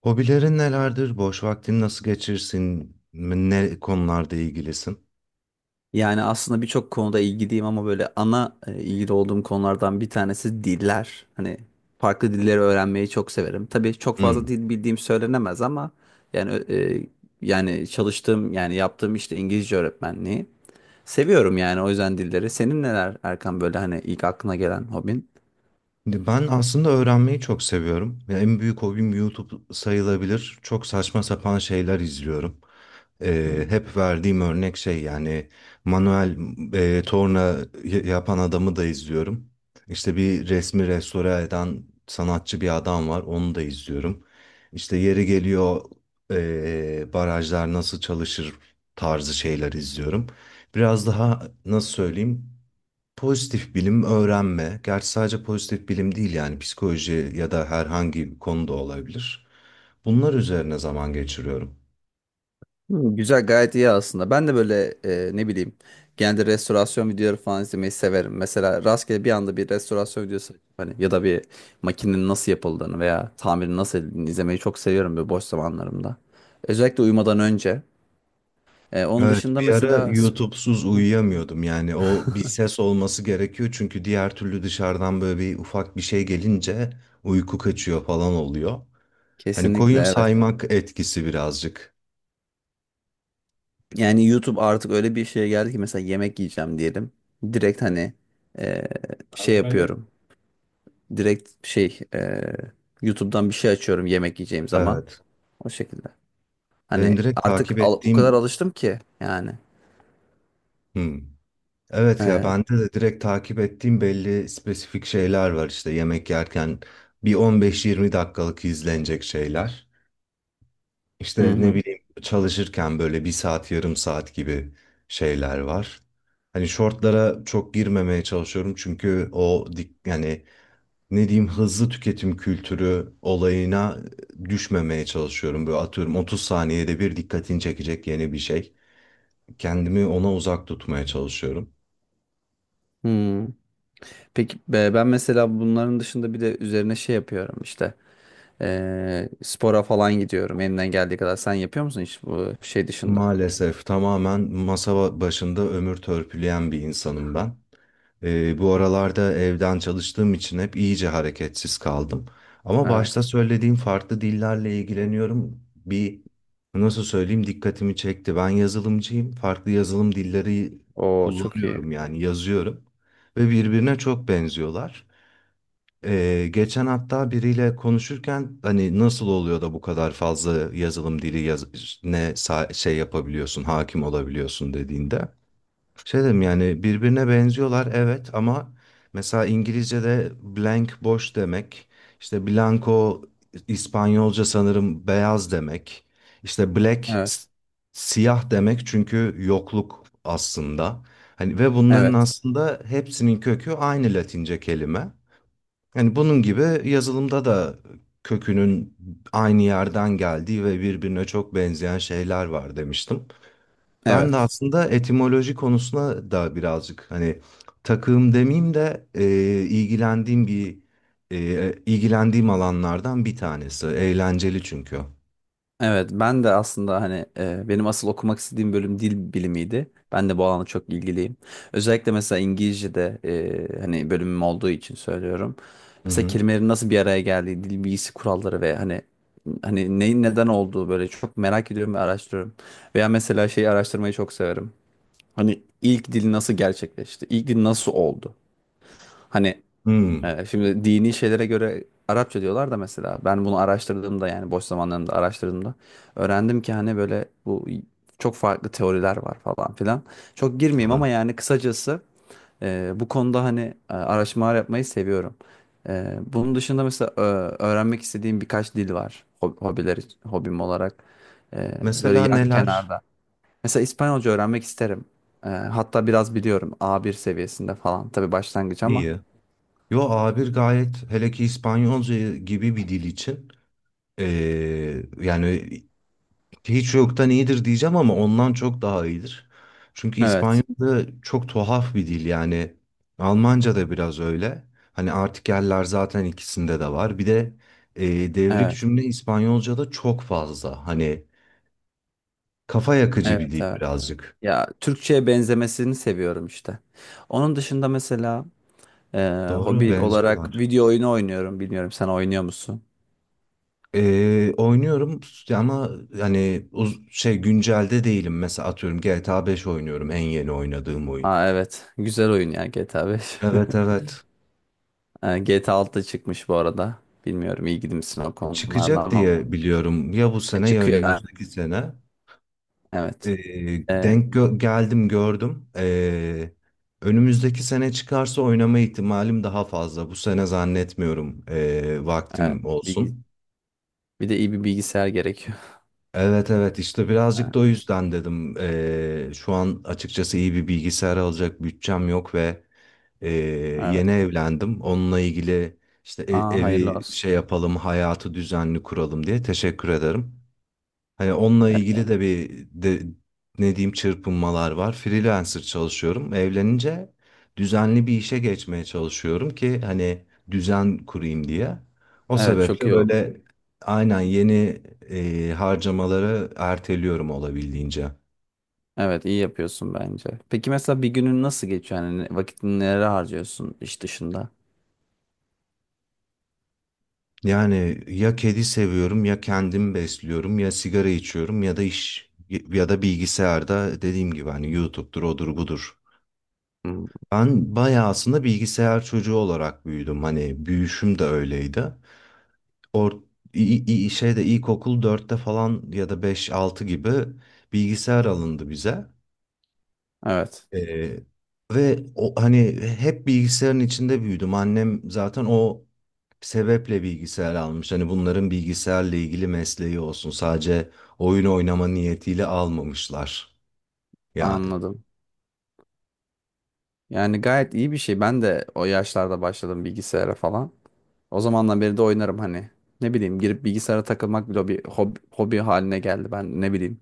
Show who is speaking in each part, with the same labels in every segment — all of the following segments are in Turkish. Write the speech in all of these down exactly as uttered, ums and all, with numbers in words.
Speaker 1: Hobilerin nelerdir? Boş vaktini nasıl geçirsin? Ne konularda ilgilisin?
Speaker 2: Yani aslında birçok konuda ilgiliyim ama böyle ana e, ilgili olduğum konulardan bir tanesi diller. Hani farklı dilleri öğrenmeyi çok severim. Tabii çok fazla
Speaker 1: Hmm.
Speaker 2: dil bildiğim söylenemez ama yani e, yani çalıştığım yani yaptığım işte İngilizce öğretmenliği. Seviyorum yani o yüzden dilleri. Senin neler Erkan böyle hani ilk aklına gelen hobin?
Speaker 1: Şimdi ben aslında öğrenmeyi çok seviyorum. Ya en büyük hobim YouTube sayılabilir. Çok saçma sapan şeyler izliyorum. Ee, hep verdiğim örnek şey, yani manuel e, torna y- yapan adamı da izliyorum. İşte bir resmi restore eden sanatçı bir adam var, onu da izliyorum. İşte yeri geliyor, e, barajlar nasıl çalışır tarzı şeyler izliyorum. Biraz daha nasıl söyleyeyim? Pozitif bilim öğrenme. Gerçi sadece pozitif bilim değil, yani psikoloji ya da herhangi bir konuda olabilir. Bunlar üzerine zaman geçiriyorum.
Speaker 2: Hı, güzel gayet iyi aslında. Ben de böyle e, ne bileyim genelde restorasyon videoları falan izlemeyi severim. Mesela rastgele bir anda bir restorasyon videosu hani ya da bir makinenin nasıl yapıldığını veya tamirin nasıl edildiğini izlemeyi çok seviyorum böyle boş zamanlarımda. Özellikle uyumadan önce. E, onun
Speaker 1: Evet,
Speaker 2: dışında
Speaker 1: bir ara
Speaker 2: mesela sp-
Speaker 1: YouTube'suz
Speaker 2: Hı,
Speaker 1: uyuyamıyordum. Yani o, bir ses olması gerekiyor çünkü diğer türlü dışarıdan böyle bir ufak bir şey gelince uyku kaçıyor falan oluyor. Hani
Speaker 2: kesinlikle
Speaker 1: koyun
Speaker 2: evet.
Speaker 1: saymak etkisi birazcık.
Speaker 2: Yani YouTube artık öyle bir şeye geldi ki mesela yemek yiyeceğim diyelim. Direkt hani e, şey
Speaker 1: Bazı ben de.
Speaker 2: yapıyorum. Direkt şey e, YouTube'dan bir şey açıyorum yemek yiyeceğim zaman.
Speaker 1: Evet,
Speaker 2: O şekilde.
Speaker 1: benim
Speaker 2: Hani
Speaker 1: direkt
Speaker 2: artık
Speaker 1: takip
Speaker 2: al- o kadar
Speaker 1: ettiğim...
Speaker 2: alıştım ki yani.
Speaker 1: Hmm. Evet ya,
Speaker 2: Ee,
Speaker 1: bende de direkt takip ettiğim belli spesifik şeyler var, işte yemek yerken bir on beş yirmi dakikalık izlenecek şeyler.
Speaker 2: hı
Speaker 1: İşte ne
Speaker 2: hı.
Speaker 1: bileyim çalışırken böyle bir saat yarım saat gibi şeyler var. Hani shortlara çok girmemeye çalışıyorum çünkü o dik, yani ne diyeyim hızlı tüketim kültürü olayına düşmemeye çalışıyorum. Böyle atıyorum otuz saniyede bir dikkatini çekecek yeni bir şey. Kendimi ona uzak tutmaya çalışıyorum.
Speaker 2: Hı. Peki be- ben mesela bunların dışında bir de üzerine şey yapıyorum işte. Ee, spora falan gidiyorum elimden geldiği kadar. Sen yapıyor musun hiç bu şey dışında?
Speaker 1: Maalesef tamamen masa ba- başında ömür törpüleyen bir insanım ben. Ee, bu aralarda evden çalıştığım için hep iyice hareketsiz kaldım. Ama başta
Speaker 2: Evet.
Speaker 1: söylediğim farklı dillerle ilgileniyorum. Bir nasıl söyleyeyim dikkatimi çekti. Ben yazılımcıyım. Farklı yazılım dilleri
Speaker 2: O çok iyi.
Speaker 1: kullanıyorum, yani yazıyorum. Ve birbirine çok benziyorlar. Ee, geçen hatta biriyle konuşurken hani nasıl oluyor da bu kadar fazla yazılım dili yaz ne sa- şey yapabiliyorsun, hakim olabiliyorsun dediğinde. Şey dedim, yani birbirine benziyorlar evet ama mesela İngilizce'de blank boş demek, işte blanco İspanyolca sanırım beyaz demek, işte black
Speaker 2: Evet.
Speaker 1: s- siyah demek çünkü yokluk aslında. Hani ve bunların
Speaker 2: Evet.
Speaker 1: aslında hepsinin kökü aynı Latince kelime. Yani bunun gibi yazılımda da kökünün aynı yerden geldiği ve birbirine çok benzeyen şeyler var demiştim. Ben de
Speaker 2: Evet.
Speaker 1: aslında etimoloji konusuna da birazcık hani takığım demeyeyim de, e, ilgilendiğim bir, e, ilgilendiğim alanlardan bir tanesi. Eğlenceli çünkü.
Speaker 2: Evet, ben de aslında hani e, benim asıl okumak istediğim bölüm dil bilimiydi. Ben de bu alana çok ilgiliyim. Özellikle mesela İngilizce'de e, hani bölümüm olduğu için söylüyorum.
Speaker 1: Hı
Speaker 2: Mesela
Speaker 1: hı.
Speaker 2: kelimelerin nasıl bir araya geldiği, dil bilgisi kuralları ve hani hani neyin neden olduğu böyle çok merak ediyorum ve araştırıyorum. Veya mesela şeyi araştırmayı çok severim. Hani ilk dil nasıl gerçekleşti? İlk dil nasıl oldu? Hani
Speaker 1: Hmm,
Speaker 2: ee, şimdi dini şeylere göre Arapça diyorlar da mesela ben bunu araştırdığımda yani boş zamanlarımda araştırdığımda öğrendim ki hani böyle bu çok farklı teoriler var falan filan. Çok girmeyeyim
Speaker 1: tabii.
Speaker 2: ama yani kısacası e, bu konuda hani e, araştırmalar yapmayı seviyorum. E, bunun dışında mesela e, öğrenmek istediğim birkaç dil var hob- hobiler hobim olarak E, böyle
Speaker 1: Mesela
Speaker 2: yan
Speaker 1: neler?
Speaker 2: kenarda. Mesela İspanyolca öğrenmek isterim. E, hatta biraz biliyorum a bir seviyesinde falan tabii başlangıç ama
Speaker 1: İyi. Yo A bir gayet, hele ki İspanyolca gibi bir dil için, e, yani hiç yoktan iyidir diyeceğim ama ondan çok daha iyidir. Çünkü
Speaker 2: evet.
Speaker 1: İspanyolca çok tuhaf bir dil yani. Almanca da biraz öyle. Hani artikeller zaten ikisinde de var. Bir de e, devrik
Speaker 2: Evet.
Speaker 1: cümle İspanyolca'da çok fazla. Hani kafa yakıcı bir
Speaker 2: Evet
Speaker 1: dil
Speaker 2: abi.
Speaker 1: birazcık.
Speaker 2: Ya Türkçe'ye benzemesini seviyorum işte. Onun dışında mesela e,
Speaker 1: Doğru
Speaker 2: hobi olarak
Speaker 1: benziyorlar.
Speaker 2: video oyunu oynuyorum. Bilmiyorum sen oynuyor musun?
Speaker 1: E, oynuyorum ama hani uz- şey, güncelde değilim. Mesela atıyorum G T A beş oynuyorum en yeni oynadığım oyun.
Speaker 2: Aa, evet. Güzel oyun ya G T A beş.
Speaker 1: Evet, evet.
Speaker 2: E, G T A altı çıkmış bu arada. Bilmiyorum ilgili misin o konularda
Speaker 1: Çıkacak
Speaker 2: ama
Speaker 1: diye biliyorum. Ya bu
Speaker 2: e,
Speaker 1: sene ya
Speaker 2: çıkıyor yani.
Speaker 1: önümüzdeki sene.
Speaker 2: Evet.
Speaker 1: Ee,
Speaker 2: E,
Speaker 1: denk gö- geldim, gördüm. Ee, önümüzdeki sene çıkarsa oynama ihtimalim daha fazla. Bu sene zannetmiyorum, ee,
Speaker 2: evet.
Speaker 1: vaktim
Speaker 2: Bilgi-
Speaker 1: olsun.
Speaker 2: Bir de iyi bir bilgisayar gerekiyor.
Speaker 1: Evet, evet, işte birazcık da o
Speaker 2: E,
Speaker 1: yüzden dedim. Ee, şu an açıkçası iyi bir bilgisayar alacak bütçem yok ve ee, yeni
Speaker 2: Evet.
Speaker 1: evlendim. Onunla ilgili işte e-
Speaker 2: Aa, hayırlı
Speaker 1: evi
Speaker 2: olsun.
Speaker 1: şey yapalım, hayatı düzenli kuralım diye teşekkür ederim. Hani onunla
Speaker 2: Evet,
Speaker 1: ilgili
Speaker 2: evet.
Speaker 1: de bir de, ne diyeyim çırpınmalar var. Freelancer çalışıyorum. Evlenince düzenli bir işe geçmeye çalışıyorum ki hani düzen kurayım diye. O
Speaker 2: Evet, çok
Speaker 1: sebeple
Speaker 2: iyi oldu.
Speaker 1: böyle, aynen yeni e, harcamaları erteliyorum olabildiğince.
Speaker 2: Evet, iyi yapıyorsun bence. Peki mesela bir günün nasıl geçiyor? Yani ne- vakitini nereye harcıyorsun iş dışında?
Speaker 1: Yani ya kedi seviyorum ya kendim besliyorum ya sigara içiyorum ya da iş ya da bilgisayarda dediğim gibi hani YouTube'dur odur budur.
Speaker 2: Hmm.
Speaker 1: Ben bayağı aslında bilgisayar çocuğu olarak büyüdüm. Hani büyüşüm de öyleydi. Or i- i- şeyde ilkokul dörtte falan ya da beş altı gibi bilgisayar alındı bize.
Speaker 2: Evet,
Speaker 1: Ee, ve o, hani hep bilgisayarın içinde büyüdüm. Annem zaten o sebeple bilgisayar almış. Hani bunların bilgisayarla ilgili mesleği olsun. Sadece oyun oynama niyetiyle almamışlar. Ya.
Speaker 2: anladım. Yani gayet iyi bir şey. Ben de o yaşlarda başladım bilgisayara falan. O zamandan beri de oynarım hani. Ne bileyim girip bilgisayara takılmak bile bir hobi, hobi haline geldi. Ben ne bileyim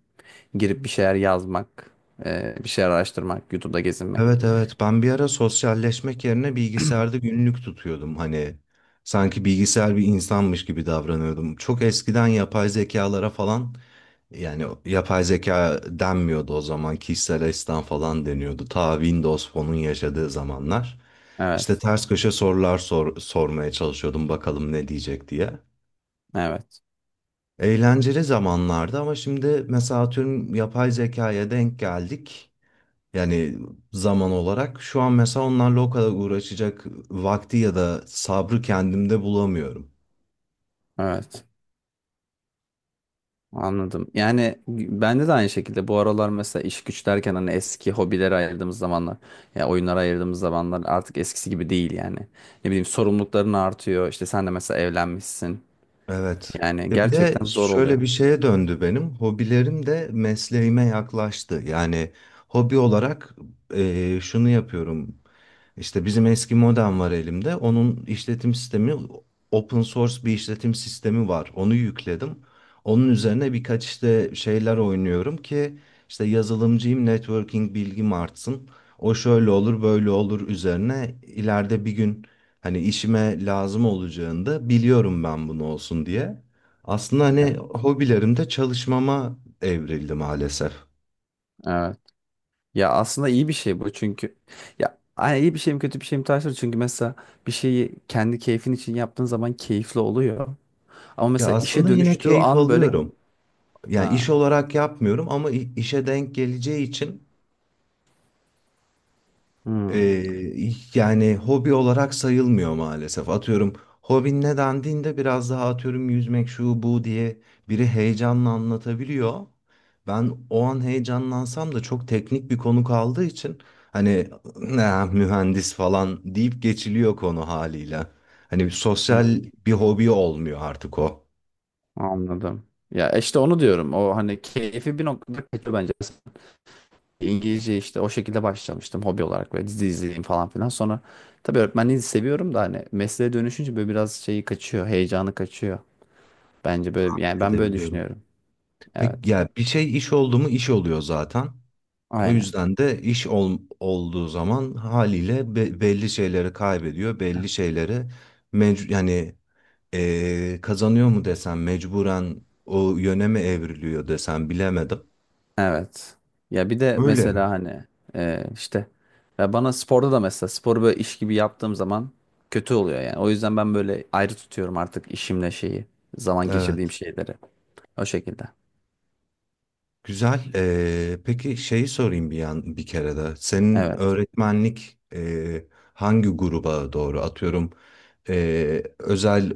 Speaker 2: girip bir şeyler yazmak, e, bir şeyler araştırmak, YouTube'da gezinmek.
Speaker 1: Evet, evet, ben bir ara sosyalleşmek yerine bilgisayarda günlük tutuyordum hani sanki bilgisayar bir insanmış gibi davranıyordum. Çok eskiden yapay zekalara falan, yani yapay zeka denmiyordu o zaman, kişisel asistan falan deniyordu. Ta Windows Phone'un yaşadığı zamanlar işte
Speaker 2: Evet,
Speaker 1: ters köşe sorular sor- sormaya çalışıyordum bakalım ne diyecek diye.
Speaker 2: evet,
Speaker 1: Eğlenceli zamanlardı ama şimdi mesela atıyorum yapay zekaya denk geldik. Yani zaman olarak şu an mesela onlarla o kadar uğraşacak vakti ya da sabrı kendimde bulamıyorum.
Speaker 2: evet. Anladım. Yani bende de aynı şekilde bu aralar mesela iş güç derken hani eski hobilere ayırdığımız zamanlar ya oyunlara ayırdığımız zamanlar artık eskisi gibi değil yani. Ne bileyim sorumlulukların artıyor. İşte sen de mesela evlenmişsin.
Speaker 1: Evet.
Speaker 2: Yani
Speaker 1: Ve bir de
Speaker 2: gerçekten zor oluyor.
Speaker 1: şöyle bir şeye döndü benim. Hobilerim de mesleğime yaklaştı. Yani hobi olarak eee, şunu yapıyorum. İşte bizim eski modem var elimde. Onun işletim sistemi open source bir işletim sistemi var. Onu yükledim. Onun üzerine birkaç işte şeyler oynuyorum ki işte yazılımcıyım, networking bilgim artsın. O şöyle olur, böyle olur, üzerine ileride bir gün hani işime lazım olacağında biliyorum ben, bunu olsun diye. Aslında hani
Speaker 2: Evet.
Speaker 1: hobilerimde çalışmama evrildi maalesef.
Speaker 2: Evet. Ya aslında iyi bir şey bu çünkü ya ay, iyi bir şey mi kötü bir şey mi tartışılır çünkü mesela bir şeyi kendi keyfin için yaptığın zaman keyifli oluyor. Ama
Speaker 1: Ya
Speaker 2: mesela işe
Speaker 1: aslında yine
Speaker 2: dönüştüğü
Speaker 1: keyif
Speaker 2: an böyle
Speaker 1: alıyorum. Yani iş
Speaker 2: ha.
Speaker 1: olarak yapmıyorum ama i- işe denk geleceği için. Ee,
Speaker 2: Hmm.
Speaker 1: yani hobi olarak sayılmıyor maalesef. Atıyorum hobin ne dendiğinde biraz daha atıyorum yüzmek şu bu diye biri heyecanla anlatabiliyor. Ben o an heyecanlansam da çok teknik bir konu kaldığı için hani ne mühendis falan deyip geçiliyor konu haliyle. Hani bir sosyal
Speaker 2: Hmm.
Speaker 1: bir hobi olmuyor artık o.
Speaker 2: Anladım. Ya işte onu diyorum. O hani keyfi bir noktada kaçıyor bence. İngilizce işte o şekilde başlamıştım hobi olarak ve dizi izleyeyim falan filan. Sonra tabii öğretmenliği seviyorum da hani mesleğe dönüşünce böyle biraz şeyi kaçıyor, heyecanı kaçıyor. Bence böyle yani ben böyle
Speaker 1: Edebiliyorum.
Speaker 2: düşünüyorum.
Speaker 1: Peki
Speaker 2: Evet.
Speaker 1: ya bir şey iş oldu mu iş oluyor zaten. O
Speaker 2: Aynen.
Speaker 1: yüzden de iş ol- olduğu zaman haliyle be- belli şeyleri kaybediyor, belli şeyleri mec- yani eee, kazanıyor mu desem, mecburen o yöne mi evriliyor desem bilemedim.
Speaker 2: Evet. Ya bir de
Speaker 1: Öyle.
Speaker 2: mesela hani e, işte ya bana sporda da mesela sporu böyle iş gibi yaptığım zaman kötü oluyor yani. O yüzden ben böyle ayrı tutuyorum artık işimle şeyi, zaman geçirdiğim
Speaker 1: Evet.
Speaker 2: şeyleri. O şekilde.
Speaker 1: Güzel. Eee, peki şeyi sorayım bir yan bir kere de. Senin
Speaker 2: Evet.
Speaker 1: öğretmenlik eee, hangi gruba doğru atıyorum? eee, özel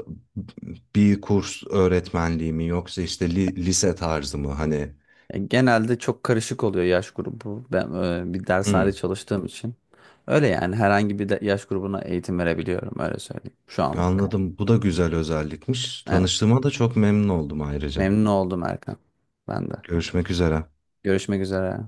Speaker 1: bir kurs öğretmenliği mi yoksa işte li- lise tarzı mı hani?
Speaker 2: Ya genelde çok karışık oluyor yaş grubu. Ben e, bir
Speaker 1: Hı.
Speaker 2: dershanede çalıştığım için. Öyle yani herhangi bir de- yaş grubuna eğitim verebiliyorum öyle söyleyeyim şu anlık.
Speaker 1: Anladım. Bu da güzel özellikmiş.
Speaker 2: Evet.
Speaker 1: Tanıştığıma da çok memnun oldum ayrıca.
Speaker 2: Memnun oldum Erkan. Ben de.
Speaker 1: Görüşmek üzere.
Speaker 2: Görüşmek üzere.